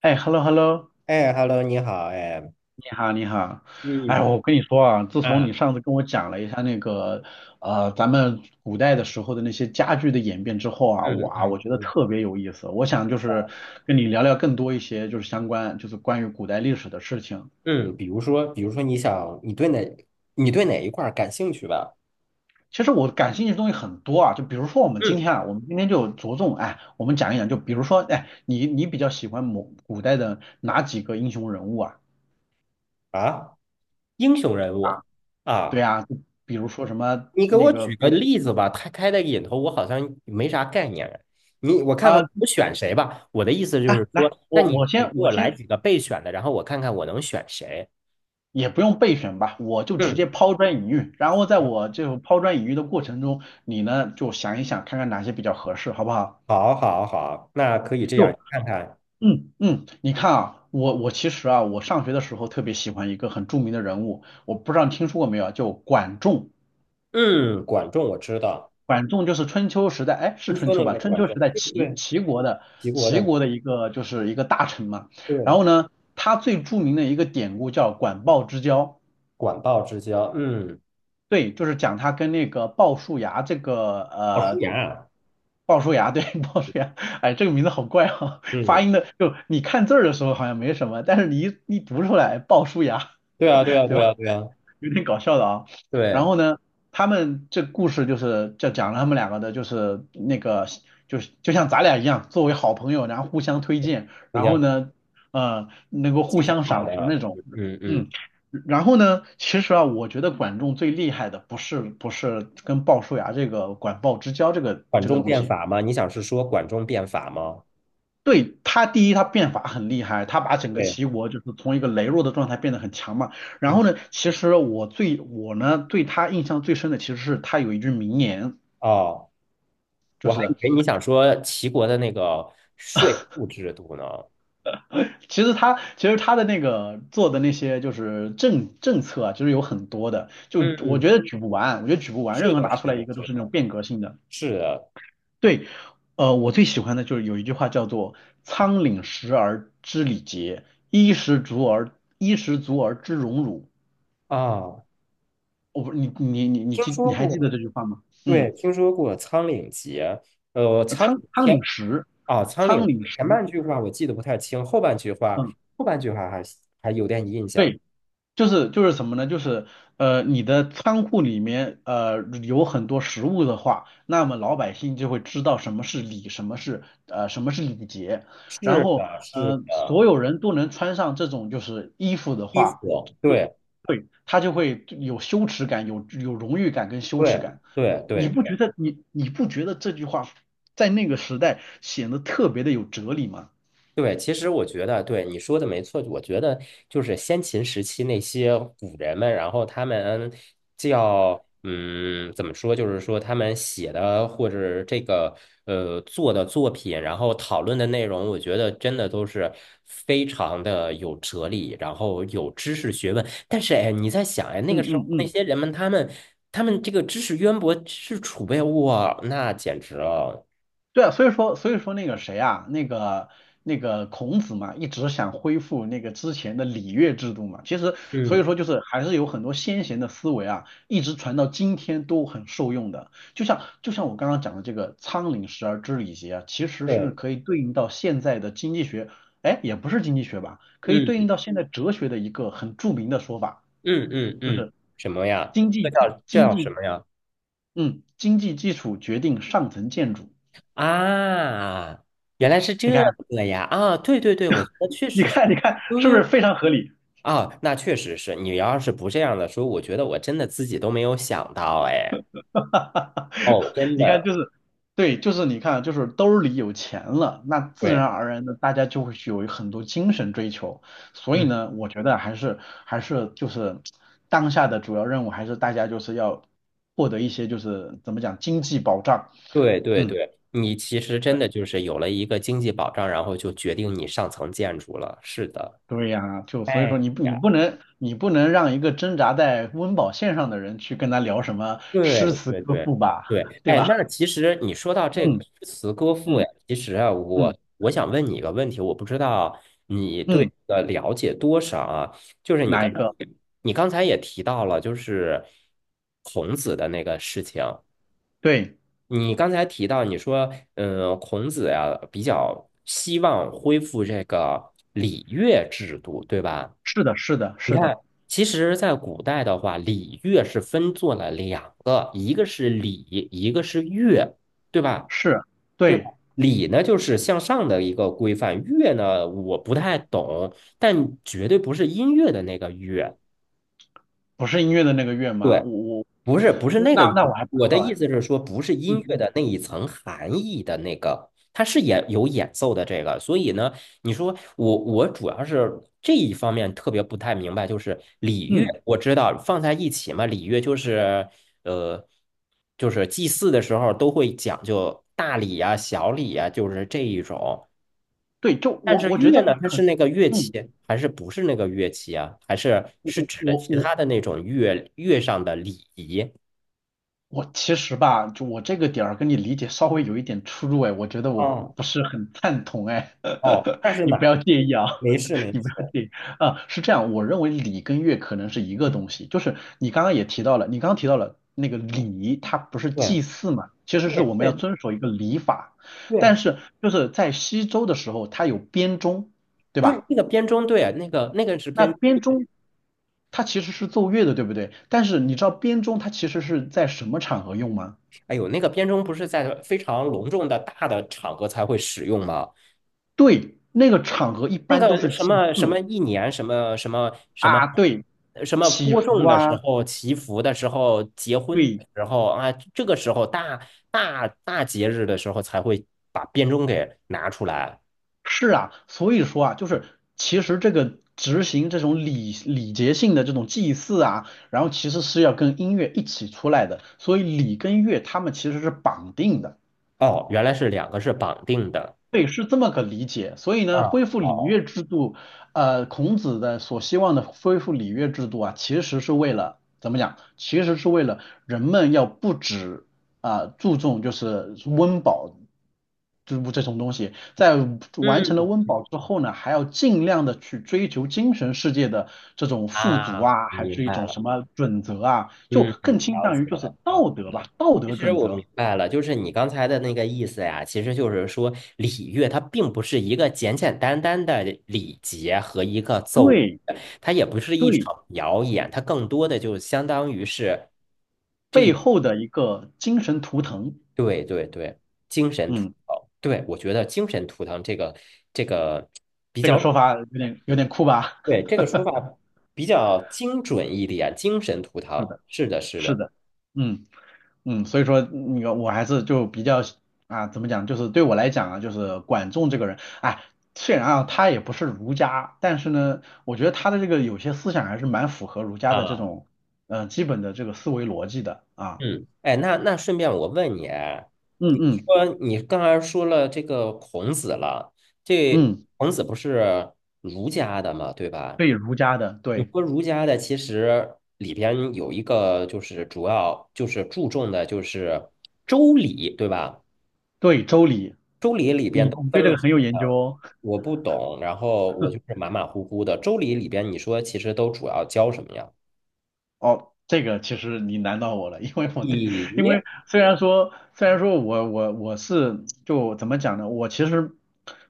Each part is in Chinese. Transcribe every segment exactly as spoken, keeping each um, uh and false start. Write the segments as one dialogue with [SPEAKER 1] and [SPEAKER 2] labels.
[SPEAKER 1] 哎，hello hello，
[SPEAKER 2] 哎，Hello，你好，哎，
[SPEAKER 1] 你好你好，哎，
[SPEAKER 2] 嗯
[SPEAKER 1] 我跟你说啊，自从
[SPEAKER 2] 嗯
[SPEAKER 1] 你上次跟我讲了一下那个呃咱们古代的时候的那些家具的演变之后啊，
[SPEAKER 2] 嗯
[SPEAKER 1] 哇，我
[SPEAKER 2] 嗯
[SPEAKER 1] 觉得
[SPEAKER 2] 嗯
[SPEAKER 1] 特别有意思，我想就是跟你聊聊更多一些就是相关就是关于古代历史的事情。
[SPEAKER 2] 嗯，比如说，比如说，你想，你对哪，你对哪一块儿感兴趣吧？
[SPEAKER 1] 其实我感兴趣的东西很多啊，就比如说我们今
[SPEAKER 2] 嗯，
[SPEAKER 1] 天啊，我们今天就着重哎，我们讲一讲，就比如说哎，你你比较喜欢某古代的哪几个英雄人物啊？
[SPEAKER 2] 啊，英雄人物
[SPEAKER 1] 对
[SPEAKER 2] 啊，
[SPEAKER 1] 啊，就比如说什么
[SPEAKER 2] 你给
[SPEAKER 1] 那
[SPEAKER 2] 我
[SPEAKER 1] 个
[SPEAKER 2] 举个
[SPEAKER 1] 不。
[SPEAKER 2] 例子吧。他开的引头，我好像没啥概念。你，我看看我选谁吧。我的意思就
[SPEAKER 1] 哎，
[SPEAKER 2] 是说，
[SPEAKER 1] 来，
[SPEAKER 2] 那
[SPEAKER 1] 我我
[SPEAKER 2] 你你给
[SPEAKER 1] 先我
[SPEAKER 2] 我来
[SPEAKER 1] 先
[SPEAKER 2] 几个备选的，然后我看看我能选谁。
[SPEAKER 1] 也不用备选吧，我就直接
[SPEAKER 2] 嗯，
[SPEAKER 1] 抛砖引玉，然后在
[SPEAKER 2] 行，
[SPEAKER 1] 我这种抛砖引玉的过程中，你呢就想一想，看看哪些比较合适，好不好？
[SPEAKER 2] 好，好，好，那可以这样，你
[SPEAKER 1] 就
[SPEAKER 2] 看看，
[SPEAKER 1] 嗯嗯，你看啊，我我其实啊，我上学的时候特别喜欢一个很著名的人物，我不知道你听说过没有啊，就管仲。
[SPEAKER 2] 嗯，管仲我知道，
[SPEAKER 1] 管仲就是春秋时代，哎，是
[SPEAKER 2] 春
[SPEAKER 1] 春
[SPEAKER 2] 秋
[SPEAKER 1] 秋
[SPEAKER 2] 那
[SPEAKER 1] 吧？
[SPEAKER 2] 个
[SPEAKER 1] 春
[SPEAKER 2] 管
[SPEAKER 1] 秋时
[SPEAKER 2] 仲，
[SPEAKER 1] 代
[SPEAKER 2] 对不
[SPEAKER 1] 齐
[SPEAKER 2] 对？
[SPEAKER 1] 齐国的
[SPEAKER 2] 齐国
[SPEAKER 1] 齐
[SPEAKER 2] 的，
[SPEAKER 1] 国的一个就是一个大臣嘛。然
[SPEAKER 2] 对，
[SPEAKER 1] 后呢，他最著名的一个典故叫管鲍之交。
[SPEAKER 2] 管鲍之交，嗯，
[SPEAKER 1] 对，就是讲他跟那个鲍叔牙这个
[SPEAKER 2] 鲍叔
[SPEAKER 1] 呃，
[SPEAKER 2] 牙啊，
[SPEAKER 1] 鲍叔牙对 鲍叔牙，哎，这个名字好怪啊，发
[SPEAKER 2] 嗯，
[SPEAKER 1] 音的就你看字儿的时候好像没什么，但是你一一读出来鲍叔牙，
[SPEAKER 2] 对啊，对啊，
[SPEAKER 1] 对
[SPEAKER 2] 对
[SPEAKER 1] 吧？
[SPEAKER 2] 啊，对啊，
[SPEAKER 1] 有点搞笑的啊。然
[SPEAKER 2] 对，
[SPEAKER 1] 后呢，他们这故事就是就讲了他们两个的，就是那个就是就像咱俩一样，作为好朋友，然后互相推荐，
[SPEAKER 2] 你
[SPEAKER 1] 然后
[SPEAKER 2] 想
[SPEAKER 1] 呢，呃，能够互
[SPEAKER 2] 记挺
[SPEAKER 1] 相
[SPEAKER 2] 好
[SPEAKER 1] 赏识
[SPEAKER 2] 的，
[SPEAKER 1] 那种，
[SPEAKER 2] 嗯嗯嗯，
[SPEAKER 1] 嗯。然后呢，其实啊，我觉得管仲最厉害的不是不是跟鲍叔牙这个管鲍之交这个
[SPEAKER 2] 管
[SPEAKER 1] 这个
[SPEAKER 2] 仲
[SPEAKER 1] 东
[SPEAKER 2] 变
[SPEAKER 1] 西，
[SPEAKER 2] 法吗？你想是说管仲变法吗？
[SPEAKER 1] 对，他第一，他变法很厉害，他把整个
[SPEAKER 2] 对，
[SPEAKER 1] 齐国就是从一个羸弱的状态变得很强嘛。然
[SPEAKER 2] 嗯，
[SPEAKER 1] 后呢，其实我最我呢对他印象最深的其实是他有一句名言，
[SPEAKER 2] 哦，
[SPEAKER 1] 就
[SPEAKER 2] 我还以
[SPEAKER 1] 是
[SPEAKER 2] 为你想说齐国的那个税赋制度呢。
[SPEAKER 1] 其实他其实他的那个做的那些就是政政策啊，其实有很多的，就我
[SPEAKER 2] 嗯，
[SPEAKER 1] 觉得举不完，我觉得举不完，
[SPEAKER 2] 是
[SPEAKER 1] 任何
[SPEAKER 2] 的，
[SPEAKER 1] 拿出
[SPEAKER 2] 是
[SPEAKER 1] 来一
[SPEAKER 2] 的，
[SPEAKER 1] 个都
[SPEAKER 2] 是
[SPEAKER 1] 是那种
[SPEAKER 2] 的，
[SPEAKER 1] 变革性的。
[SPEAKER 2] 是的
[SPEAKER 1] 对，呃，我最喜欢的就是有一句话叫做"仓廪实而知礼节，衣食足而衣食足而知荣辱"。
[SPEAKER 2] 啊，
[SPEAKER 1] 我不，你你你你
[SPEAKER 2] 听
[SPEAKER 1] 记你
[SPEAKER 2] 说
[SPEAKER 1] 还记得
[SPEAKER 2] 过，
[SPEAKER 1] 这句话吗？
[SPEAKER 2] 对，
[SPEAKER 1] 嗯，
[SPEAKER 2] 听说过《苍岭节》。呃，
[SPEAKER 1] 呃
[SPEAKER 2] 《苍岭》
[SPEAKER 1] 仓仓
[SPEAKER 2] 前
[SPEAKER 1] 廪实，
[SPEAKER 2] 啊，《苍岭》
[SPEAKER 1] 仓廪
[SPEAKER 2] 前
[SPEAKER 1] 实，
[SPEAKER 2] 半句话我记得不太清，后半句话
[SPEAKER 1] 嗯，
[SPEAKER 2] 后半句话还还有点印象。
[SPEAKER 1] 对，就是就是什么呢？就是呃，你的仓库里面呃有很多食物的话，那么老百姓就会知道什么是礼，什么是呃什么是礼节，然
[SPEAKER 2] 是
[SPEAKER 1] 后
[SPEAKER 2] 的，是
[SPEAKER 1] 呃
[SPEAKER 2] 的，
[SPEAKER 1] 所有人都能穿上这种就是衣服的
[SPEAKER 2] 衣
[SPEAKER 1] 话，
[SPEAKER 2] 服，
[SPEAKER 1] 就
[SPEAKER 2] 对
[SPEAKER 1] 对他就会有羞耻感，有有荣誉感跟羞耻
[SPEAKER 2] 对
[SPEAKER 1] 感。
[SPEAKER 2] 对
[SPEAKER 1] 你
[SPEAKER 2] 对
[SPEAKER 1] 不觉得你你不觉得这句话在那个时代显得特别的有哲理吗？
[SPEAKER 2] 对，其实我觉得对你说的没错，我觉得就是先秦时期那些古人们，然后他们叫嗯，怎么说，就是说他们写的或者这个呃做的作品，然后讨论的内容，我觉得真的都是非常的有哲理，然后有知识学问。但是哎，你在想，哎，那个
[SPEAKER 1] 嗯
[SPEAKER 2] 时候
[SPEAKER 1] 嗯
[SPEAKER 2] 那
[SPEAKER 1] 嗯。
[SPEAKER 2] 些人们，他们他们这个知识渊博、知识储备，哇，那简直了。
[SPEAKER 1] 对啊，所以说所以说那个谁啊，那个那个孔子嘛，一直想恢复那个之前的礼乐制度嘛。其实所以
[SPEAKER 2] 嗯，
[SPEAKER 1] 说就是还是有很多先贤的思维啊，一直传到今天都很受用的。就像就像我刚刚讲的这个"仓廪实而知礼节"啊，其实是
[SPEAKER 2] 对，
[SPEAKER 1] 可以对应到现在的经济学，哎，也不是经济学吧，可以对
[SPEAKER 2] 嗯。
[SPEAKER 1] 应到现在哲学的一个很著名的说法，
[SPEAKER 2] 嗯嗯
[SPEAKER 1] 就
[SPEAKER 2] 嗯，
[SPEAKER 1] 是
[SPEAKER 2] 什么呀？
[SPEAKER 1] 经济
[SPEAKER 2] 这
[SPEAKER 1] 基
[SPEAKER 2] 叫这
[SPEAKER 1] 经
[SPEAKER 2] 叫什
[SPEAKER 1] 济
[SPEAKER 2] 么呀？
[SPEAKER 1] 嗯经济基础决定上层建筑。
[SPEAKER 2] 啊，原来是
[SPEAKER 1] 你
[SPEAKER 2] 这
[SPEAKER 1] 看。
[SPEAKER 2] 个呀！啊，对对对，我觉得确
[SPEAKER 1] 你
[SPEAKER 2] 实是，
[SPEAKER 1] 看，你看，是不
[SPEAKER 2] 对
[SPEAKER 1] 是非常合理？
[SPEAKER 2] 啊，那确实是。你要是不这样的说，我觉得我真的自己都没有想到，哎，哦，真
[SPEAKER 1] 你看，
[SPEAKER 2] 的，
[SPEAKER 1] 就是，对，就是你看，就是兜里有钱了，那自
[SPEAKER 2] 对，
[SPEAKER 1] 然而然的大家就会去有很多精神追求。所以
[SPEAKER 2] 嗯，
[SPEAKER 1] 呢，我觉得还是还是就是当下的主要任务，还是大家就是要获得一些就是怎么讲经济保障。
[SPEAKER 2] 对对
[SPEAKER 1] 嗯，
[SPEAKER 2] 对，你其实真的就是有了一个经济保障，然后就决定你上层建筑了。是的，
[SPEAKER 1] 对呀，就所以说
[SPEAKER 2] 哎
[SPEAKER 1] 你不你
[SPEAKER 2] 呀。
[SPEAKER 1] 不能你不能让一个挣扎在温饱线上的人去跟他聊什么诗
[SPEAKER 2] 对
[SPEAKER 1] 词
[SPEAKER 2] 对
[SPEAKER 1] 歌
[SPEAKER 2] 对
[SPEAKER 1] 赋吧，
[SPEAKER 2] 对，
[SPEAKER 1] 对
[SPEAKER 2] 哎，
[SPEAKER 1] 吧？
[SPEAKER 2] 那其实你说到这个诗词歌赋，
[SPEAKER 1] 嗯
[SPEAKER 2] 呀，其实啊，
[SPEAKER 1] 嗯嗯。
[SPEAKER 2] 我
[SPEAKER 1] 嗯
[SPEAKER 2] 我想问你一个问题，我不知道你对
[SPEAKER 1] 嗯
[SPEAKER 2] 这个了解多少啊？就是你
[SPEAKER 1] 哪
[SPEAKER 2] 刚
[SPEAKER 1] 一
[SPEAKER 2] 才
[SPEAKER 1] 个？
[SPEAKER 2] 你刚才也提到了，就是孔子的那个事情。
[SPEAKER 1] 对，
[SPEAKER 2] 你刚才提到，你说，嗯，孔子呀，比较希望恢复这个礼乐制度，对吧？
[SPEAKER 1] 是的，是的，
[SPEAKER 2] 你
[SPEAKER 1] 是
[SPEAKER 2] 看，
[SPEAKER 1] 的，
[SPEAKER 2] 其实，在古代的话，礼乐是分做了两个，一个是礼，一个是乐，对吧？
[SPEAKER 1] 是，
[SPEAKER 2] 对吧
[SPEAKER 1] 对，
[SPEAKER 2] 礼呢，就是向上的一个规范；乐呢，我不太懂，但绝对不是音乐的那个乐。
[SPEAKER 1] 不是音乐的那个乐吗？
[SPEAKER 2] 对。
[SPEAKER 1] 我我
[SPEAKER 2] 不是不是
[SPEAKER 1] 那
[SPEAKER 2] 那个，
[SPEAKER 1] 那我还不
[SPEAKER 2] 我
[SPEAKER 1] 知
[SPEAKER 2] 的
[SPEAKER 1] 道
[SPEAKER 2] 意
[SPEAKER 1] 哎，
[SPEAKER 2] 思是说，不是音
[SPEAKER 1] 嗯
[SPEAKER 2] 乐
[SPEAKER 1] 嗯
[SPEAKER 2] 的那一层含义的那个，它是演有演奏的这个，所以呢，你说我我主要是这一方面特别不太明白，就是礼乐，
[SPEAKER 1] 嗯，
[SPEAKER 2] 我知道放在一起嘛，礼乐就是呃，就是祭祀的时候都会讲究大礼呀、小礼呀，就是这一种。
[SPEAKER 1] 对，就
[SPEAKER 2] 但
[SPEAKER 1] 我
[SPEAKER 2] 是
[SPEAKER 1] 我觉得
[SPEAKER 2] 乐
[SPEAKER 1] 吧，
[SPEAKER 2] 呢，它
[SPEAKER 1] 可
[SPEAKER 2] 是
[SPEAKER 1] 能，
[SPEAKER 2] 那个乐器，
[SPEAKER 1] 嗯，
[SPEAKER 2] 还是不是那个乐器啊？还是
[SPEAKER 1] 我
[SPEAKER 2] 是
[SPEAKER 1] 我
[SPEAKER 2] 指的
[SPEAKER 1] 我
[SPEAKER 2] 其
[SPEAKER 1] 我
[SPEAKER 2] 他的那种乐乐上的礼仪？
[SPEAKER 1] 我其实吧，就我这个点儿跟你理解稍微有一点出入哎，我觉得我
[SPEAKER 2] 嗯。
[SPEAKER 1] 不是很赞同哎，
[SPEAKER 2] 哦，那 是
[SPEAKER 1] 你
[SPEAKER 2] 哪
[SPEAKER 1] 不要
[SPEAKER 2] 一
[SPEAKER 1] 介意啊，
[SPEAKER 2] 没事 没
[SPEAKER 1] 你不
[SPEAKER 2] 事，
[SPEAKER 1] 要介意啊，是这样，我认为礼跟乐可能是一个东西，就是你刚刚也提到了，你刚刚提到了那个礼，它不是
[SPEAKER 2] 对
[SPEAKER 1] 祭祀嘛，其实是
[SPEAKER 2] 对
[SPEAKER 1] 我们要
[SPEAKER 2] 对
[SPEAKER 1] 遵守一个礼法，但
[SPEAKER 2] 对
[SPEAKER 1] 是就是在西周的时候，它有编钟，对
[SPEAKER 2] 对，
[SPEAKER 1] 吧？
[SPEAKER 2] 那个编钟，对啊，那个那个是
[SPEAKER 1] 那
[SPEAKER 2] 编，
[SPEAKER 1] 编钟它其实是奏乐的，对不对？但是你知道编钟它其实是在什么场合用吗？
[SPEAKER 2] 哎呦，那个编钟不是在非常隆重的大的场合才会使用吗？
[SPEAKER 1] 对，那个场合一
[SPEAKER 2] 那
[SPEAKER 1] 般都
[SPEAKER 2] 个
[SPEAKER 1] 是
[SPEAKER 2] 什
[SPEAKER 1] 祭
[SPEAKER 2] 么什么
[SPEAKER 1] 祀
[SPEAKER 2] 一年什么什么什么
[SPEAKER 1] 啊，对，
[SPEAKER 2] 什么
[SPEAKER 1] 祈
[SPEAKER 2] 播
[SPEAKER 1] 福
[SPEAKER 2] 种的时
[SPEAKER 1] 啊，
[SPEAKER 2] 候、祈福的时候、结婚的
[SPEAKER 1] 对，
[SPEAKER 2] 时候啊，这个时候大大大节日的时候才会把编钟给拿出来。
[SPEAKER 1] 是啊，所以说啊，就是其实这个执行这种礼礼节性的这种祭祀啊，然后其实是要跟音乐一起出来的，所以礼跟乐他们其实是绑定的。
[SPEAKER 2] 哦，原来是两个是绑定的。
[SPEAKER 1] 对，是这么个理解。所以呢，
[SPEAKER 2] 啊，
[SPEAKER 1] 恢复礼乐
[SPEAKER 2] 好，
[SPEAKER 1] 制度，呃，孔子的所希望的恢复礼乐制度啊，其实是为了怎么讲？其实是为了人们要不止啊、注重就是温饱就是这种东西，在完成了
[SPEAKER 2] 嗯，
[SPEAKER 1] 温饱之后呢，还要尽量的去追求精神世界的这种富足
[SPEAKER 2] 啊，
[SPEAKER 1] 啊，还
[SPEAKER 2] 明
[SPEAKER 1] 是一
[SPEAKER 2] 白
[SPEAKER 1] 种
[SPEAKER 2] 了。
[SPEAKER 1] 什么准则啊，就
[SPEAKER 2] 嗯，嗯，
[SPEAKER 1] 更倾
[SPEAKER 2] 了
[SPEAKER 1] 向
[SPEAKER 2] 解
[SPEAKER 1] 于就
[SPEAKER 2] 了，
[SPEAKER 1] 是
[SPEAKER 2] 了
[SPEAKER 1] 道
[SPEAKER 2] 解
[SPEAKER 1] 德吧，
[SPEAKER 2] 了。
[SPEAKER 1] 道
[SPEAKER 2] 其
[SPEAKER 1] 德
[SPEAKER 2] 实
[SPEAKER 1] 准
[SPEAKER 2] 我
[SPEAKER 1] 则。
[SPEAKER 2] 明白了，就是你刚才的那个意思呀，其实就是说礼乐它并不是一个简简单单的礼节和一个奏，
[SPEAKER 1] 对
[SPEAKER 2] 它也不是一
[SPEAKER 1] 对。
[SPEAKER 2] 场表演，它更多的就相当于是这
[SPEAKER 1] 背
[SPEAKER 2] 一，
[SPEAKER 1] 后的一个精神图腾。
[SPEAKER 2] 对对对，精神图
[SPEAKER 1] 嗯，
[SPEAKER 2] 腾。对，我觉得精神图腾，这个这个比
[SPEAKER 1] 这
[SPEAKER 2] 较，
[SPEAKER 1] 个说法有
[SPEAKER 2] 啊，
[SPEAKER 1] 点有
[SPEAKER 2] 对
[SPEAKER 1] 点
[SPEAKER 2] 对
[SPEAKER 1] 酷吧？
[SPEAKER 2] 对，这个说法比较精准一点，精神图
[SPEAKER 1] 是
[SPEAKER 2] 腾，
[SPEAKER 1] 的，
[SPEAKER 2] 是的，是
[SPEAKER 1] 是
[SPEAKER 2] 的。
[SPEAKER 1] 的，嗯嗯，所以说那个我还是就比较啊，怎么讲，就是对我来讲啊，就是管仲这个人，哎，虽然啊他也不是儒家，但是呢，我觉得他的这个有些思想还是蛮符合儒家的这
[SPEAKER 2] 啊。
[SPEAKER 1] 种呃基本的这个思维逻辑的啊。
[SPEAKER 2] 嗯，哎，那那顺便我问你啊，你
[SPEAKER 1] 嗯嗯
[SPEAKER 2] 说你刚才说了这个孔子了，这
[SPEAKER 1] 嗯，
[SPEAKER 2] 孔子不是儒家的嘛，对吧？
[SPEAKER 1] 对儒家的，
[SPEAKER 2] 你
[SPEAKER 1] 对
[SPEAKER 2] 说儒家的其实里边有一个就是主要就是注重的就是周礼，对吧？
[SPEAKER 1] 对周礼，
[SPEAKER 2] 周礼里边
[SPEAKER 1] 你
[SPEAKER 2] 都
[SPEAKER 1] 你
[SPEAKER 2] 分
[SPEAKER 1] 对这
[SPEAKER 2] 了
[SPEAKER 1] 个
[SPEAKER 2] 什
[SPEAKER 1] 很有
[SPEAKER 2] 么
[SPEAKER 1] 研
[SPEAKER 2] 呀？
[SPEAKER 1] 究哦。
[SPEAKER 2] 我不懂，然后我就是马马虎虎的。周礼里边你说其实都主要教什么呀？
[SPEAKER 1] 哦，这个其实你难到我了，因为我对，因
[SPEAKER 2] 礼，
[SPEAKER 1] 为虽然说虽然说我我我是就怎么讲呢，我其实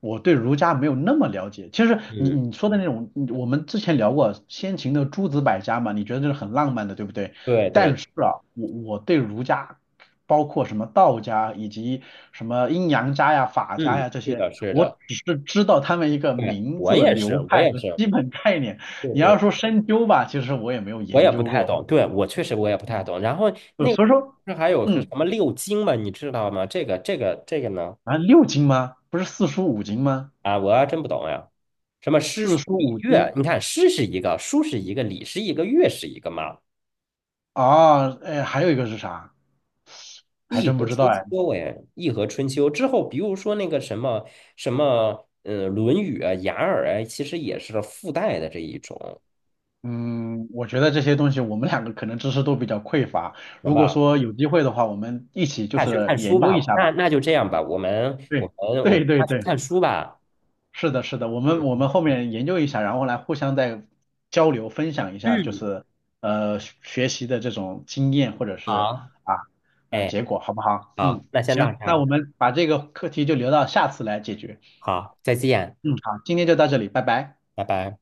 [SPEAKER 1] 我对儒家没有那么了解。其实你
[SPEAKER 2] 嗯，
[SPEAKER 1] 你说的那种，你我们之前聊过先秦的诸子百家嘛，你觉得这是很浪漫的，对不对？
[SPEAKER 2] 对对，
[SPEAKER 1] 但是啊，我我对儒家，包括什么道家以及什么阴阳家呀、法家
[SPEAKER 2] 嗯，
[SPEAKER 1] 呀这
[SPEAKER 2] 是
[SPEAKER 1] 些，
[SPEAKER 2] 的，是
[SPEAKER 1] 我
[SPEAKER 2] 的。
[SPEAKER 1] 只是知道他们一个
[SPEAKER 2] 对，
[SPEAKER 1] 名
[SPEAKER 2] 我
[SPEAKER 1] 字、
[SPEAKER 2] 也
[SPEAKER 1] 流
[SPEAKER 2] 是，我
[SPEAKER 1] 派
[SPEAKER 2] 也
[SPEAKER 1] 和
[SPEAKER 2] 是，
[SPEAKER 1] 基本概念。
[SPEAKER 2] 对
[SPEAKER 1] 你要
[SPEAKER 2] 对，
[SPEAKER 1] 说深究吧，其实我也没有
[SPEAKER 2] 我
[SPEAKER 1] 研
[SPEAKER 2] 也不
[SPEAKER 1] 究
[SPEAKER 2] 太
[SPEAKER 1] 过。
[SPEAKER 2] 懂，对，我确实我也不太
[SPEAKER 1] 嗯，
[SPEAKER 2] 懂。然后
[SPEAKER 1] 就
[SPEAKER 2] 那个
[SPEAKER 1] 所
[SPEAKER 2] 时
[SPEAKER 1] 以
[SPEAKER 2] 候
[SPEAKER 1] 说，
[SPEAKER 2] 不是还有个什
[SPEAKER 1] 嗯，
[SPEAKER 2] 么六经嘛，你知道吗？这个这个这个呢？
[SPEAKER 1] 啊，六经吗？不是四书五经吗？
[SPEAKER 2] 啊，我还真不懂呀。什么诗
[SPEAKER 1] 四
[SPEAKER 2] 书
[SPEAKER 1] 书
[SPEAKER 2] 礼
[SPEAKER 1] 五
[SPEAKER 2] 乐？
[SPEAKER 1] 经
[SPEAKER 2] 你看，诗是一个，书是一个，礼是一个，乐是一个嘛。
[SPEAKER 1] 啊，哎，还有一个是啥？还
[SPEAKER 2] 易
[SPEAKER 1] 真不
[SPEAKER 2] 和
[SPEAKER 1] 知道
[SPEAKER 2] 春
[SPEAKER 1] 哎。
[SPEAKER 2] 秋哎，易和春秋之后，比如说那个什么什么，嗯，《论语》啊，《雅尔》啊，其实也是附带的这一种，
[SPEAKER 1] 嗯，我觉得这些东西我们两个可能知识都比较匮乏。
[SPEAKER 2] 行
[SPEAKER 1] 如果
[SPEAKER 2] 吧？
[SPEAKER 1] 说有机会的话，我们一起就
[SPEAKER 2] 下去
[SPEAKER 1] 是
[SPEAKER 2] 看书
[SPEAKER 1] 研究
[SPEAKER 2] 吧，
[SPEAKER 1] 一下
[SPEAKER 2] 那
[SPEAKER 1] 吧。
[SPEAKER 2] 那就这样吧，我们
[SPEAKER 1] 对，
[SPEAKER 2] 我们我们
[SPEAKER 1] 对对
[SPEAKER 2] 下去
[SPEAKER 1] 对。
[SPEAKER 2] 看书吧。
[SPEAKER 1] 是的，是的，我们我
[SPEAKER 2] 嗯
[SPEAKER 1] 们后面研究一下，然后来互相再交流分享一下，就
[SPEAKER 2] 嗯，
[SPEAKER 1] 是呃学学习的这种经验或者是
[SPEAKER 2] 好，
[SPEAKER 1] 啊呃
[SPEAKER 2] 哎，
[SPEAKER 1] 结果，好不好？
[SPEAKER 2] 好，
[SPEAKER 1] 嗯，
[SPEAKER 2] 那先到
[SPEAKER 1] 行，
[SPEAKER 2] 这
[SPEAKER 1] 那我
[SPEAKER 2] 儿，
[SPEAKER 1] 们把这个课题就留到下次来解决。
[SPEAKER 2] 好，再见，
[SPEAKER 1] 嗯，好，今天就到这里，拜拜。
[SPEAKER 2] 拜拜。